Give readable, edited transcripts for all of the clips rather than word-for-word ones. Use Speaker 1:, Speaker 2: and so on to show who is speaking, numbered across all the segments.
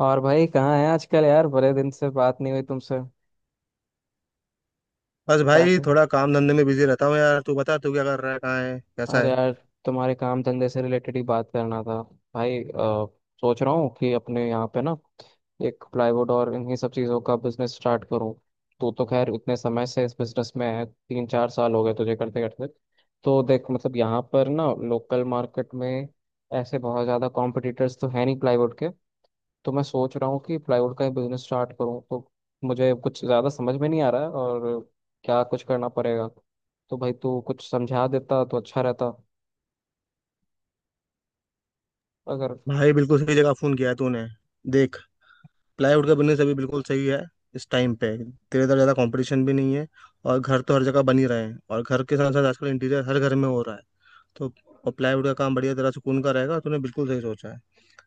Speaker 1: और भाई कहाँ है आजकल यार, बड़े दिन से बात नहीं हुई तुमसे।
Speaker 2: बस
Speaker 1: क्या
Speaker 2: भाई
Speaker 1: कर
Speaker 2: थोड़ा काम धंधे में बिजी रहता हूँ यार। तू बता, तू क्या कर रहा है, कहाँ है, कैसा
Speaker 1: अरे
Speaker 2: है?
Speaker 1: यार, तुम्हारे काम धंधे से रिलेटेड ही बात करना था। भाई सोच रहा हूँ कि अपने यहाँ पे ना एक प्लाईवुड और इन्हीं सब चीज़ों का बिजनेस स्टार्ट करूँ। तू तो खैर इतने समय से इस बिजनेस में है, 3-4 साल हो गए तुझे करते करते। तो देख मतलब यहाँ पर ना लोकल मार्केट में ऐसे बहुत ज़्यादा कॉम्पिटिटर्स तो है नहीं प्लाईवुड के। तो मैं सोच रहा हूँ कि प्लाईवुड का ही बिजनेस स्टार्ट करूँ, तो मुझे कुछ ज़्यादा समझ में नहीं आ रहा है, और क्या कुछ करना पड़ेगा। तो भाई तू कुछ समझा देता तो अच्छा रहता, अगर।
Speaker 2: भाई, बिल्कुल सही जगह फोन किया है तूने। देख, प्लाईवुड का बिजनेस अभी बिल्कुल सही है। इस टाइम पे तेरे तरह ज्यादा कंपटीशन भी नहीं है। और घर तो हर जगह बन ही रहे हैं, और घर के साथ साथ आजकल इंटीरियर हर घर में हो रहा है। तो और प्लाईवुड का काम बढ़िया तरह सुकून का रहेगा, तूने बिल्कुल सही सोचा है।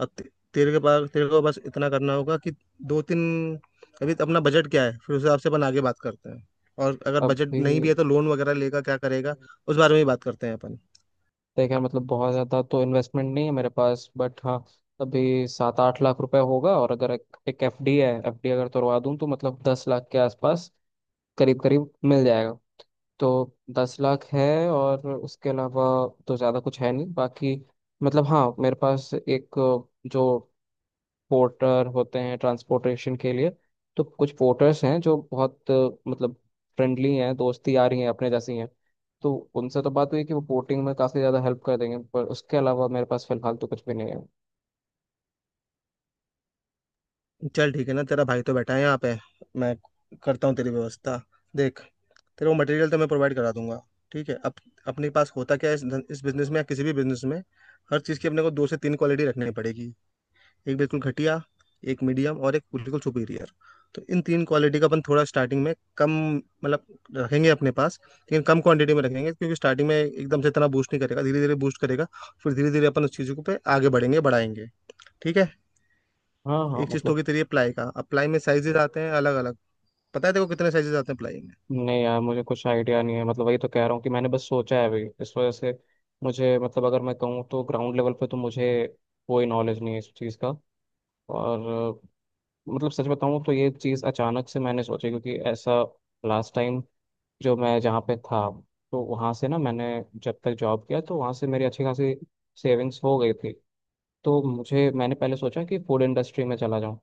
Speaker 2: अब ते- तेरे के पास तेरे को बस इतना करना होगा कि दो तीन, अभी तो अपना बजट क्या है, फिर उस हिसाब से अपन आगे बात करते हैं। और अगर बजट
Speaker 1: अभी
Speaker 2: नहीं भी है तो लोन वगैरह लेगा, क्या करेगा, उस बारे में ही बात करते हैं अपन।
Speaker 1: देखा मतलब बहुत ज़्यादा तो इन्वेस्टमेंट नहीं है मेरे पास, बट हाँ अभी 7-8 लाख रुपए होगा, और अगर एक FD है, FD अगर तोड़वा दूँ तो मतलब 10 लाख के आसपास करीब करीब मिल जाएगा। तो 10 लाख है, और उसके अलावा तो ज़्यादा कुछ है नहीं बाकी। मतलब हाँ मेरे पास एक, जो पोर्टर होते हैं ट्रांसपोर्टेशन के लिए, तो कुछ पोर्टर्स हैं जो बहुत मतलब फ्रेंडली हैं, दोस्ती आ रही हैं अपने जैसी हैं। तो उनसे तो बात हुई कि वो पोर्टिंग में काफ़ी ज़्यादा हेल्प कर देंगे, पर उसके अलावा मेरे पास फिलहाल तो कुछ भी नहीं है।
Speaker 2: चल ठीक है ना, तेरा भाई तो बैठा है यहाँ पे। मैं करता हूँ तेरी व्यवस्था। देख, तेरे को मटेरियल तो मैं प्रोवाइड करा दूंगा। ठीक है। अब अपने पास होता क्या है इस बिजनेस में या किसी भी बिजनेस में, हर चीज़ की अपने को दो से तीन क्वालिटी रखनी पड़ेगी। एक बिल्कुल घटिया, एक मीडियम और एक बिल्कुल सुपीरियर। तो इन तीन क्वालिटी का अपन थोड़ा स्टार्टिंग में कम, मतलब रखेंगे अपने पास लेकिन कम क्वांटिटी में रखेंगे, क्योंकि स्टार्टिंग में एकदम से इतना बूस्ट नहीं करेगा, धीरे धीरे बूस्ट करेगा। फिर धीरे धीरे अपन उस चीज़ों को पे आगे बढ़ेंगे, बढ़ाएंगे। ठीक है।
Speaker 1: हाँ हाँ,
Speaker 2: एक चीज तो
Speaker 1: मतलब।
Speaker 2: होगी तेरी प्लाई का। अब प्लाई में साइजेस आते हैं अलग अलग। पता है तेरे को कितने साइजेस आते हैं प्लाई में?
Speaker 1: नहीं यार, मुझे कुछ आइडिया नहीं है, मतलब वही तो कह रहा हूँ कि मैंने बस सोचा है अभी। इस वजह से मुझे, मतलब अगर मैं कहूँ तो ग्राउंड लेवल पे तो मुझे कोई नॉलेज नहीं है इस चीज़ का। और मतलब सच बताऊं तो ये चीज़ अचानक से मैंने सोची, क्योंकि ऐसा लास्ट टाइम जो मैं जहाँ पे था, तो वहाँ से ना मैंने जब तक जॉब किया तो वहाँ से मेरी अच्छी खासी सेविंग्स हो गई थी। तो मुझे मैंने पहले सोचा कि फूड इंडस्ट्री में चला जाऊँ,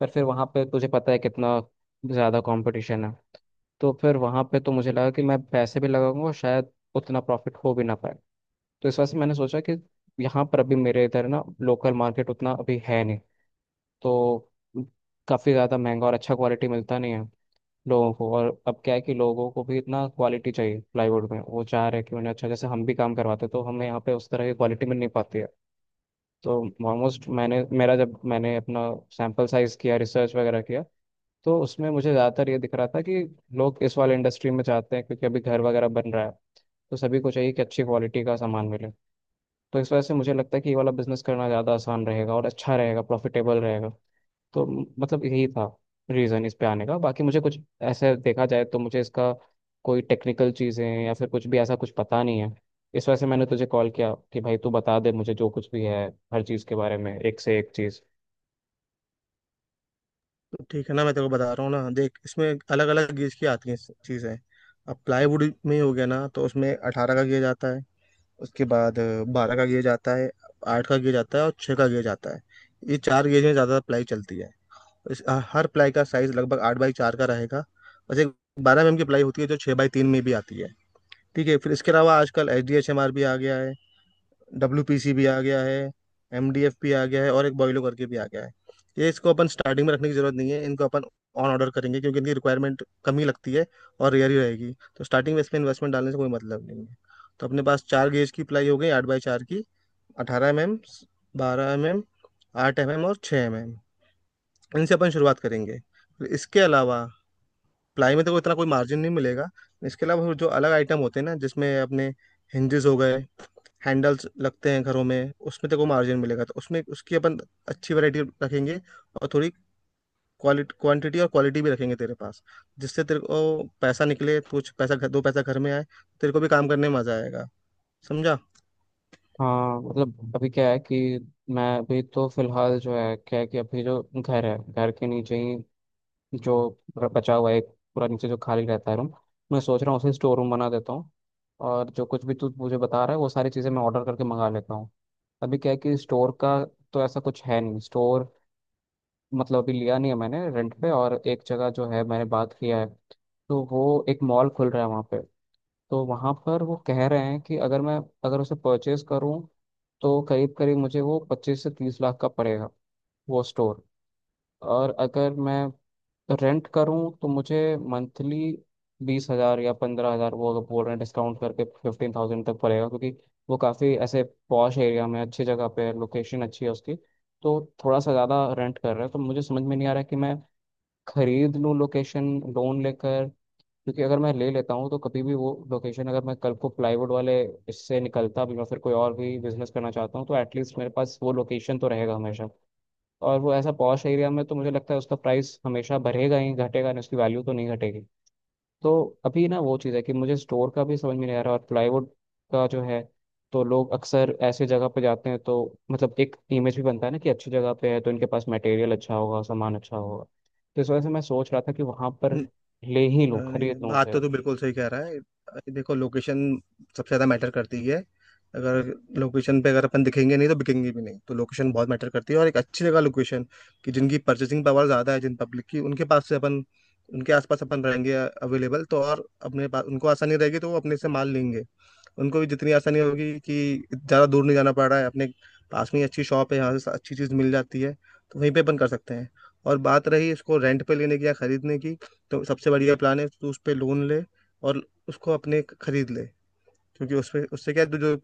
Speaker 1: पर फिर वहाँ पे तुझे पता है कितना ज़्यादा कंपटीशन है। तो फिर वहाँ पे तो मुझे लगा कि मैं पैसे भी लगाऊंगा और शायद उतना प्रॉफिट हो भी ना पाए। तो इस वजह से मैंने सोचा कि यहाँ पर अभी मेरे इधर ना लोकल मार्केट उतना अभी है नहीं, तो काफ़ी ज़्यादा महंगा और अच्छा क्वालिटी मिलता नहीं है लोगों को। और अब क्या है कि लोगों को भी इतना क्वालिटी चाहिए प्लाईवुड में, वो चाह रहे हैं कि उन्हें अच्छा, जैसे हम भी काम करवाते हैं, तो हमें यहाँ पे उस तरह की क्वालिटी मिल नहीं पाती है। तो ऑलमोस्ट मैंने, मेरा जब मैंने अपना सैंपल साइज किया रिसर्च वगैरह किया, तो उसमें मुझे ज़्यादातर ये दिख रहा था कि लोग इस वाले इंडस्ट्री में चाहते हैं, क्योंकि अभी घर वगैरह बन रहा है। तो सभी को चाहिए कि अच्छी क्वालिटी का सामान मिले। तो इस वजह से मुझे लगता है कि ये वाला बिजनेस करना ज़्यादा आसान रहेगा और अच्छा रहेगा, प्रॉफिटेबल रहेगा। तो मतलब यही था रीज़न इस पे आने का, बाकी मुझे कुछ ऐसे देखा जाए तो मुझे इसका कोई टेक्निकल चीज़ें या फिर कुछ भी ऐसा कुछ पता नहीं है। इस वजह से मैंने तुझे कॉल किया कि भाई तू बता दे मुझे, जो कुछ भी है हर चीज़ के बारे में एक से एक चीज़।
Speaker 2: तो ठीक है ना, मैं तेरे को बता रहा हूँ ना। देख, इसमें अलग अलग गेज की आती हैं चीजें। अब प्लाईवुड में हो गया ना, तो उसमें 18 का गेज आता है। उसके बाद 12 का गेज आता है, 8 का गेज आता है और 6 का गेज आता है। ये 4 गेज में ज्यादा प्लाई चलती है। हर प्लाई का साइज लगभग 8 बाई 4 का रहेगा। बस एक 12 mm की प्लाई होती है जो 6 बाई 3 में भी आती है। ठीक है। फिर इसके अलावा आजकल HDHMR भी आ गया है, WPC भी आ गया है, MDF भी आ गया है और एक बॉयलो करके भी आ गया है। ये इसको अपन स्टार्टिंग में रखने की जरूरत नहीं है, इनको अपन ऑन ऑर्डर करेंगे, क्योंकि इनकी रिक्वायरमेंट कम ही लगती है और रेयर ही रहेगी। तो स्टार्टिंग में इसमें इन्वेस्टमेंट डालने से कोई मतलब नहीं है। तो अपने पास 4 गेज की प्लाई हो गई 8 बाई 4 की— 18 mm, 12 mm, 8 mm और 6 mm। इनसे अपन शुरुआत करेंगे। इसके अलावा प्लाई में तो इतना कोई मार्जिन नहीं मिलेगा। इसके अलावा जो अलग आइटम होते हैं ना, जिसमें अपने हिंजेस हो गए, हैंडल्स लगते हैं घरों में, उसमें तेरे को मार्जिन मिलेगा। तो उसमें उसकी अपन अच्छी वैरायटी रखेंगे, और थोड़ी क्वालिटी क्वांटिटी और क्वालिटी भी रखेंगे तेरे पास, जिससे तेरे को पैसा निकले, कुछ पैसा दो पैसा घर में आए, तेरे को भी काम करने में मजा आएगा। समझा?
Speaker 1: हाँ मतलब अभी क्या है कि, मैं अभी तो फिलहाल जो है, क्या है कि अभी जो घर है, घर के नीचे ही जो पूरा बचा हुआ है, पूरा नीचे जो खाली रहता है रूम, मैं सोच रहा हूँ उसे स्टोर रूम बना देता हूँ। और जो कुछ भी तू मुझे बता रहा है वो सारी चीज़ें मैं ऑर्डर करके मंगा लेता हूँ। अभी क्या है कि स्टोर का तो ऐसा कुछ है नहीं स्टोर, मतलब अभी लिया नहीं है मैंने रेंट पे। और एक जगह जो है मैंने बात किया है, तो वो एक मॉल खुल रहा है वहाँ पे, तो वहाँ पर वो कह रहे हैं कि अगर मैं, अगर उसे परचेज करूँ तो करीब करीब मुझे वो 25 से 30 लाख का पड़ेगा वो स्टोर। और अगर मैं रेंट करूं तो मुझे मंथली 20 हजार या 15 हजार, वो अगर बोल रहे हैं डिस्काउंट करके 15 थाउजेंड तक पड़ेगा, क्योंकि वो काफ़ी ऐसे पॉश एरिया में अच्छी जगह पे है, लोकेशन अच्छी है उसकी। तो थोड़ा सा ज़्यादा रेंट कर रहा है, तो मुझे समझ में नहीं आ रहा है कि मैं खरीद लूँ लोकेशन लोन लेकर। क्योंकि अगर मैं ले लेता हूँ तो कभी भी वो लोकेशन, अगर मैं कल को प्लाईवुड वाले इससे निकलता भी, मैं फिर कोई और भी बिजनेस करना चाहता हूँ तो एटलीस्ट मेरे पास वो लोकेशन तो रहेगा हमेशा। और वो ऐसा पॉश एरिया में, तो मुझे लगता है उसका प्राइस हमेशा बढ़ेगा ही, घटेगा नहीं, उसकी वैल्यू तो नहीं घटेगी। तो अभी ना वो चीज़ है कि मुझे स्टोर का भी समझ में नहीं आ रहा, और प्लाईवुड का जो है, तो लोग अक्सर ऐसे जगह पे जाते हैं, तो मतलब एक इमेज भी बनता है ना कि अच्छी जगह पे है तो इनके पास मटेरियल अच्छा होगा, सामान अच्छा होगा। तो इस वजह से मैं सोच रहा था कि वहाँ पर ले ही लूँ,
Speaker 2: नहीं
Speaker 1: खरीद
Speaker 2: नहीं,
Speaker 1: लूँ
Speaker 2: बात
Speaker 1: उसे।
Speaker 2: तो तू बिल्कुल सही कह रहा है। देखो, लोकेशन सबसे ज्यादा मैटर करती है। अगर लोकेशन पे अगर अपन दिखेंगे नहीं तो बिकेंगे भी नहीं, तो लोकेशन बहुत मैटर करती है। और एक अच्छी जगह लोकेशन, कि जिनकी परचेसिंग पावर ज्यादा है जिन पब्लिक की, उनके पास से अपन, उनके आसपास अपन रहेंगे अवेलेबल, तो और अपने पास उनको आसानी रहेगी तो वो अपने से माल लेंगे। उनको भी जितनी आसानी होगी कि ज्यादा दूर नहीं जाना पड़ रहा है, अपने पास में ही अच्छी शॉप है, यहाँ से अच्छी चीज मिल जाती है, तो वहीं पे अपन कर सकते हैं। और बात रही इसको रेंट पे लेने की या खरीदने की, तो सबसे बढ़िया प्लान है तू उस पे लोन ले और उसको अपने खरीद ले। क्योंकि उसपे उससे क्या है, तू जो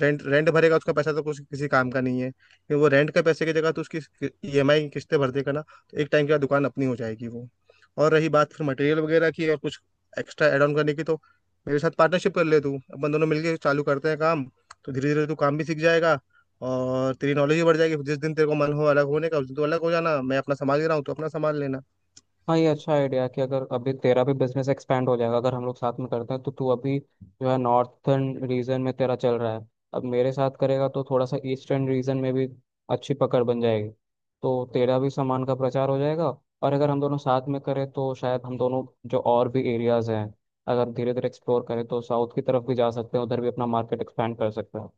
Speaker 2: रेंट रेंट भरेगा उसका पैसा तो कुछ किसी काम का नहीं है, क्योंकि वो रेंट के पैसे की जगह तो उसकी EMI की किस्तें भर देगा ना। तो एक टाइम के बाद दुकान अपनी हो जाएगी वो। और रही बात फिर मटेरियल वगैरह की और कुछ एक्स्ट्रा ऐड ऑन करने की, तो मेरे साथ पार्टनरशिप कर ले। तू अपन दोनों मिलके चालू करते हैं काम, तो धीरे धीरे तू काम भी सीख जाएगा और तेरी नॉलेज भी बढ़ जाएगी। जिस दिन तेरे को मन हो अलग होने का उस दिन तो अलग हो जाना, मैं अपना संभाल ही रहा हूँ तो अपना संभाल लेना।
Speaker 1: हाँ, ये अच्छा आइडिया है कि, अगर अभी तेरा भी बिजनेस एक्सपेंड हो जाएगा अगर हम लोग साथ में करते हैं, तो तू अभी जो है नॉर्थर्न रीजन में तेरा चल रहा है, अब मेरे साथ करेगा तो थोड़ा सा ईस्टर्न रीजन में भी अच्छी पकड़ बन जाएगी। तो तेरा भी सामान का प्रचार हो जाएगा। और अगर हम दोनों साथ में करें तो शायद हम दोनों जो और भी एरियाज हैं, अगर धीरे धीरे एक्सप्लोर करें तो साउथ की तरफ भी जा सकते हैं, उधर भी अपना मार्केट एक्सपेंड कर सकते हैं।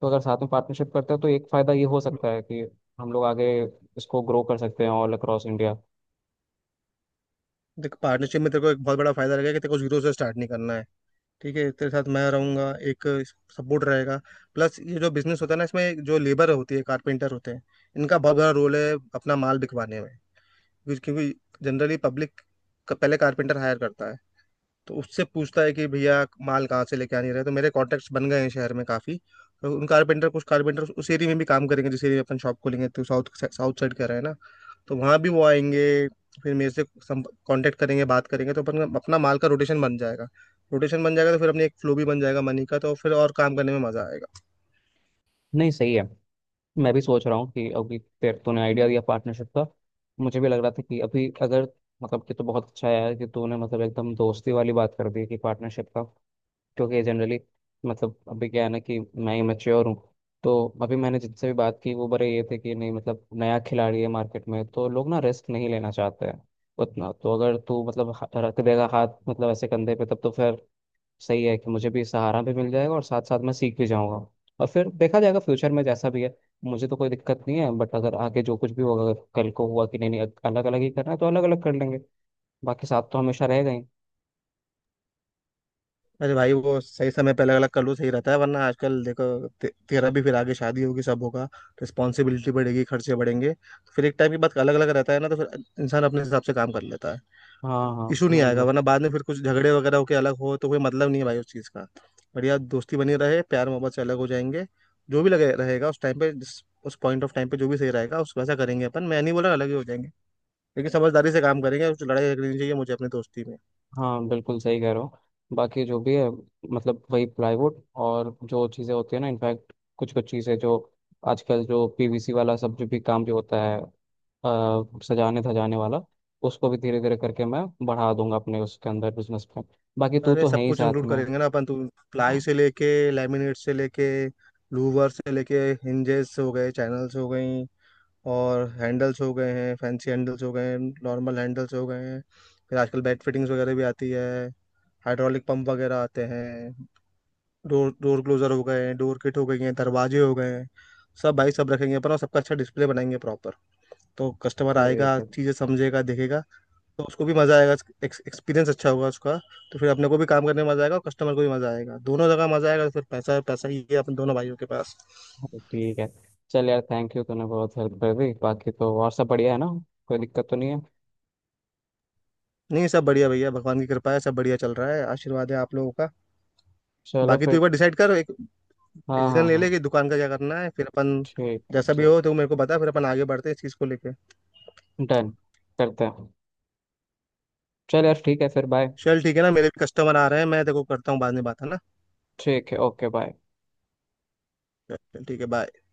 Speaker 1: तो अगर साथ में पार्टनरशिप करते हैं तो एक फ़ायदा ये हो सकता है कि हम लोग आगे इसको ग्रो कर सकते हैं ऑल अक्रॉस इंडिया।
Speaker 2: देख, पार्टनरशिप में तेरे को एक बहुत बड़ा फायदा रहेगा कि तेरे को जीरो से स्टार्ट नहीं करना है। ठीक है, तेरे साथ मैं रहूंगा, एक सपोर्ट रहेगा। प्लस ये जो बिजनेस होता है ना, इसमें जो लेबर होती है, कारपेंटर होते हैं, इनका बहुत बड़ा रोल है अपना माल बिकवाने में। क्योंकि क्योंकि जनरली पब्लिक का पहले कारपेंटर हायर करता है। तो उससे पूछता है कि भैया माल कहाँ से लेके आने रहे, तो मेरे कॉन्टेक्ट्स बन गए हैं शहर में काफ़ी। तो उन कारपेंटर, कुछ कारपेंटर उस एरिया में भी काम करेंगे जिस एरिया में अपन शॉप खोलेंगे, तो साउथ साउथ साइड का रहे हैं ना, तो वहां भी वो आएंगे, फिर मेरे से कांटेक्ट करेंगे, बात करेंगे, तो अपना माल का रोटेशन बन जाएगा। रोटेशन बन जाएगा तो फिर अपनी एक फ्लो भी बन जाएगा मनी का, तो फिर और काम करने में मजा आएगा।
Speaker 1: नहीं, सही है, मैं भी सोच रहा हूँ कि, अभी तेरे, तूने आइडिया दिया पार्टनरशिप का, मुझे भी लग रहा था कि अभी अगर, मतलब कि, तो बहुत अच्छा है यार कि तूने मतलब एकदम दोस्ती वाली बात कर दी कि पार्टनरशिप का। क्योंकि जनरली मतलब अभी क्या है ना कि मैं ही मैच्योर हूँ, तो अभी मैंने जिनसे भी बात की वो बड़े ये थे कि नहीं मतलब नया खिलाड़ी है मार्केट में, तो लोग ना रिस्क नहीं लेना चाहते हैं उतना। तो अगर तू मतलब रख देगा हाथ मतलब ऐसे कंधे पे, तब तो फिर सही है कि मुझे भी सहारा भी मिल जाएगा और साथ साथ मैं सीख भी जाऊंगा। और फिर देखा जाएगा फ्यूचर में जैसा भी है, मुझे तो कोई दिक्कत नहीं है, बट अगर आगे जो कुछ भी होगा, अगर कल को हुआ कि नहीं नहीं अलग अलग ही करना है तो अलग अलग कर लेंगे। बाकी साथ तो हमेशा रहेगा ही।
Speaker 2: अरे भाई, वो सही समय पे अलग अलग कर लो सही रहता है, वरना आजकल देखो तेरा भी फिर आगे शादी होगी, सब होगा, रिस्पॉन्सिबिलिटी बढ़ेगी, खर्चे बढ़ेंगे, तो फिर एक टाइम के बाद अलग अलग रहता है ना, तो फिर इंसान अपने हिसाब से काम कर लेता है।
Speaker 1: हाँ हाँ,
Speaker 2: इशू नहीं
Speaker 1: नहीं
Speaker 2: आएगा, वरना
Speaker 1: मतलब।
Speaker 2: बाद में फिर कुछ झगड़े वगैरह होके अलग हो तो कोई मतलब नहीं है भाई उस चीज़ का। बढ़िया दोस्ती बनी रहे, प्यार मोहब्बत से अलग हो जाएंगे। जो भी लगे रहेगा उस टाइम पे, जिस उस पॉइंट ऑफ टाइम पे जो भी सही रहेगा उस वैसा करेंगे अपन। मैं नहीं बोला अलग ही हो जाएंगे, लेकिन समझदारी से काम करेंगे, कुछ लड़ाई झगड़ी नहीं चाहिए मुझे अपनी दोस्ती में।
Speaker 1: हाँ, बिल्कुल सही कह रहे हो। बाकी जो भी है मतलब वही, प्लाईवुड और जो चीज़ें होती है ना, इनफैक्ट कुछ कुछ चीज़ें जो आजकल, जो पीवीसी वाला सब जो भी काम जो होता है सजाने धजाने वाला, उसको भी धीरे धीरे करके मैं बढ़ा दूंगा अपने उसके अंदर बिजनेस में। बाकी तू
Speaker 2: अरे
Speaker 1: तो है
Speaker 2: सब
Speaker 1: ही
Speaker 2: कुछ
Speaker 1: साथ
Speaker 2: इंक्लूड
Speaker 1: में।
Speaker 2: करेंगे ना अपन तो— प्लाई
Speaker 1: हाँ।
Speaker 2: से लेके, लैमिनेट से लेके, लूवर से लेके, हिंजेस हो गए, चैनल्स हो गई, और हैंडल्स हो गए हैं, फैंसी हैंडल्स हो गए हैं, नॉर्मल हैंडल्स हो गए हैं, फिर आजकल बेड फिटिंग्स वगैरह भी आती है, हाइड्रोलिक पंप वगैरह आते हैं, डोर डोर क्लोजर हो गए हैं, डोर किट हो गई हैं, दरवाजे हो गए हैं, सब। भाई सब रखेंगे अपन और सबका अच्छा डिस्प्ले बनाएंगे प्रॉपर। तो कस्टमर आएगा,
Speaker 1: ठीक है।
Speaker 2: चीज़ें समझेगा, देखेगा, तो उसको भी मज़ा आएगा, एक्सपीरियंस अच्छा होगा उसका। तो फिर अपने को भी काम करने में मज़ा आएगा और कस्टमर को भी मज़ा आएगा, दोनों जगह मज़ा आएगा, तो फिर पैसा पैसा ही है अपन दोनों भाइयों के पास।
Speaker 1: हाँ, ठीक है। चल यार, थैंक यू, तूने बहुत हेल्प कर दी। बाकी तो और सब बढ़िया है ना, कोई दिक्कत तो नहीं है?
Speaker 2: नहीं, सब बढ़िया भैया, भगवान की कृपा है, सब बढ़िया चल रहा है, आशीर्वाद है आप लोगों का।
Speaker 1: चलो
Speaker 2: बाकी तू
Speaker 1: फिर।
Speaker 2: एक बार डिसाइड कर, एक
Speaker 1: हाँ
Speaker 2: डिसीजन
Speaker 1: हाँ
Speaker 2: ले
Speaker 1: हाँ।
Speaker 2: ले कि दुकान का क्या करना है, फिर अपन
Speaker 1: ठीक है,
Speaker 2: जैसा भी
Speaker 1: ठीक।
Speaker 2: हो तो मेरे को बता, फिर अपन आगे बढ़ते हैं इस चीज़ को लेके।
Speaker 1: डन, करते हैं। चल यार ठीक है फिर, बाय।
Speaker 2: चल ठीक है ना, मेरे भी कस्टमर आ रहे हैं, मैं देखो करता हूँ, बाद में बात है ना।
Speaker 1: ठीक है, ओके बाय।
Speaker 2: चल ठीक है, बाय।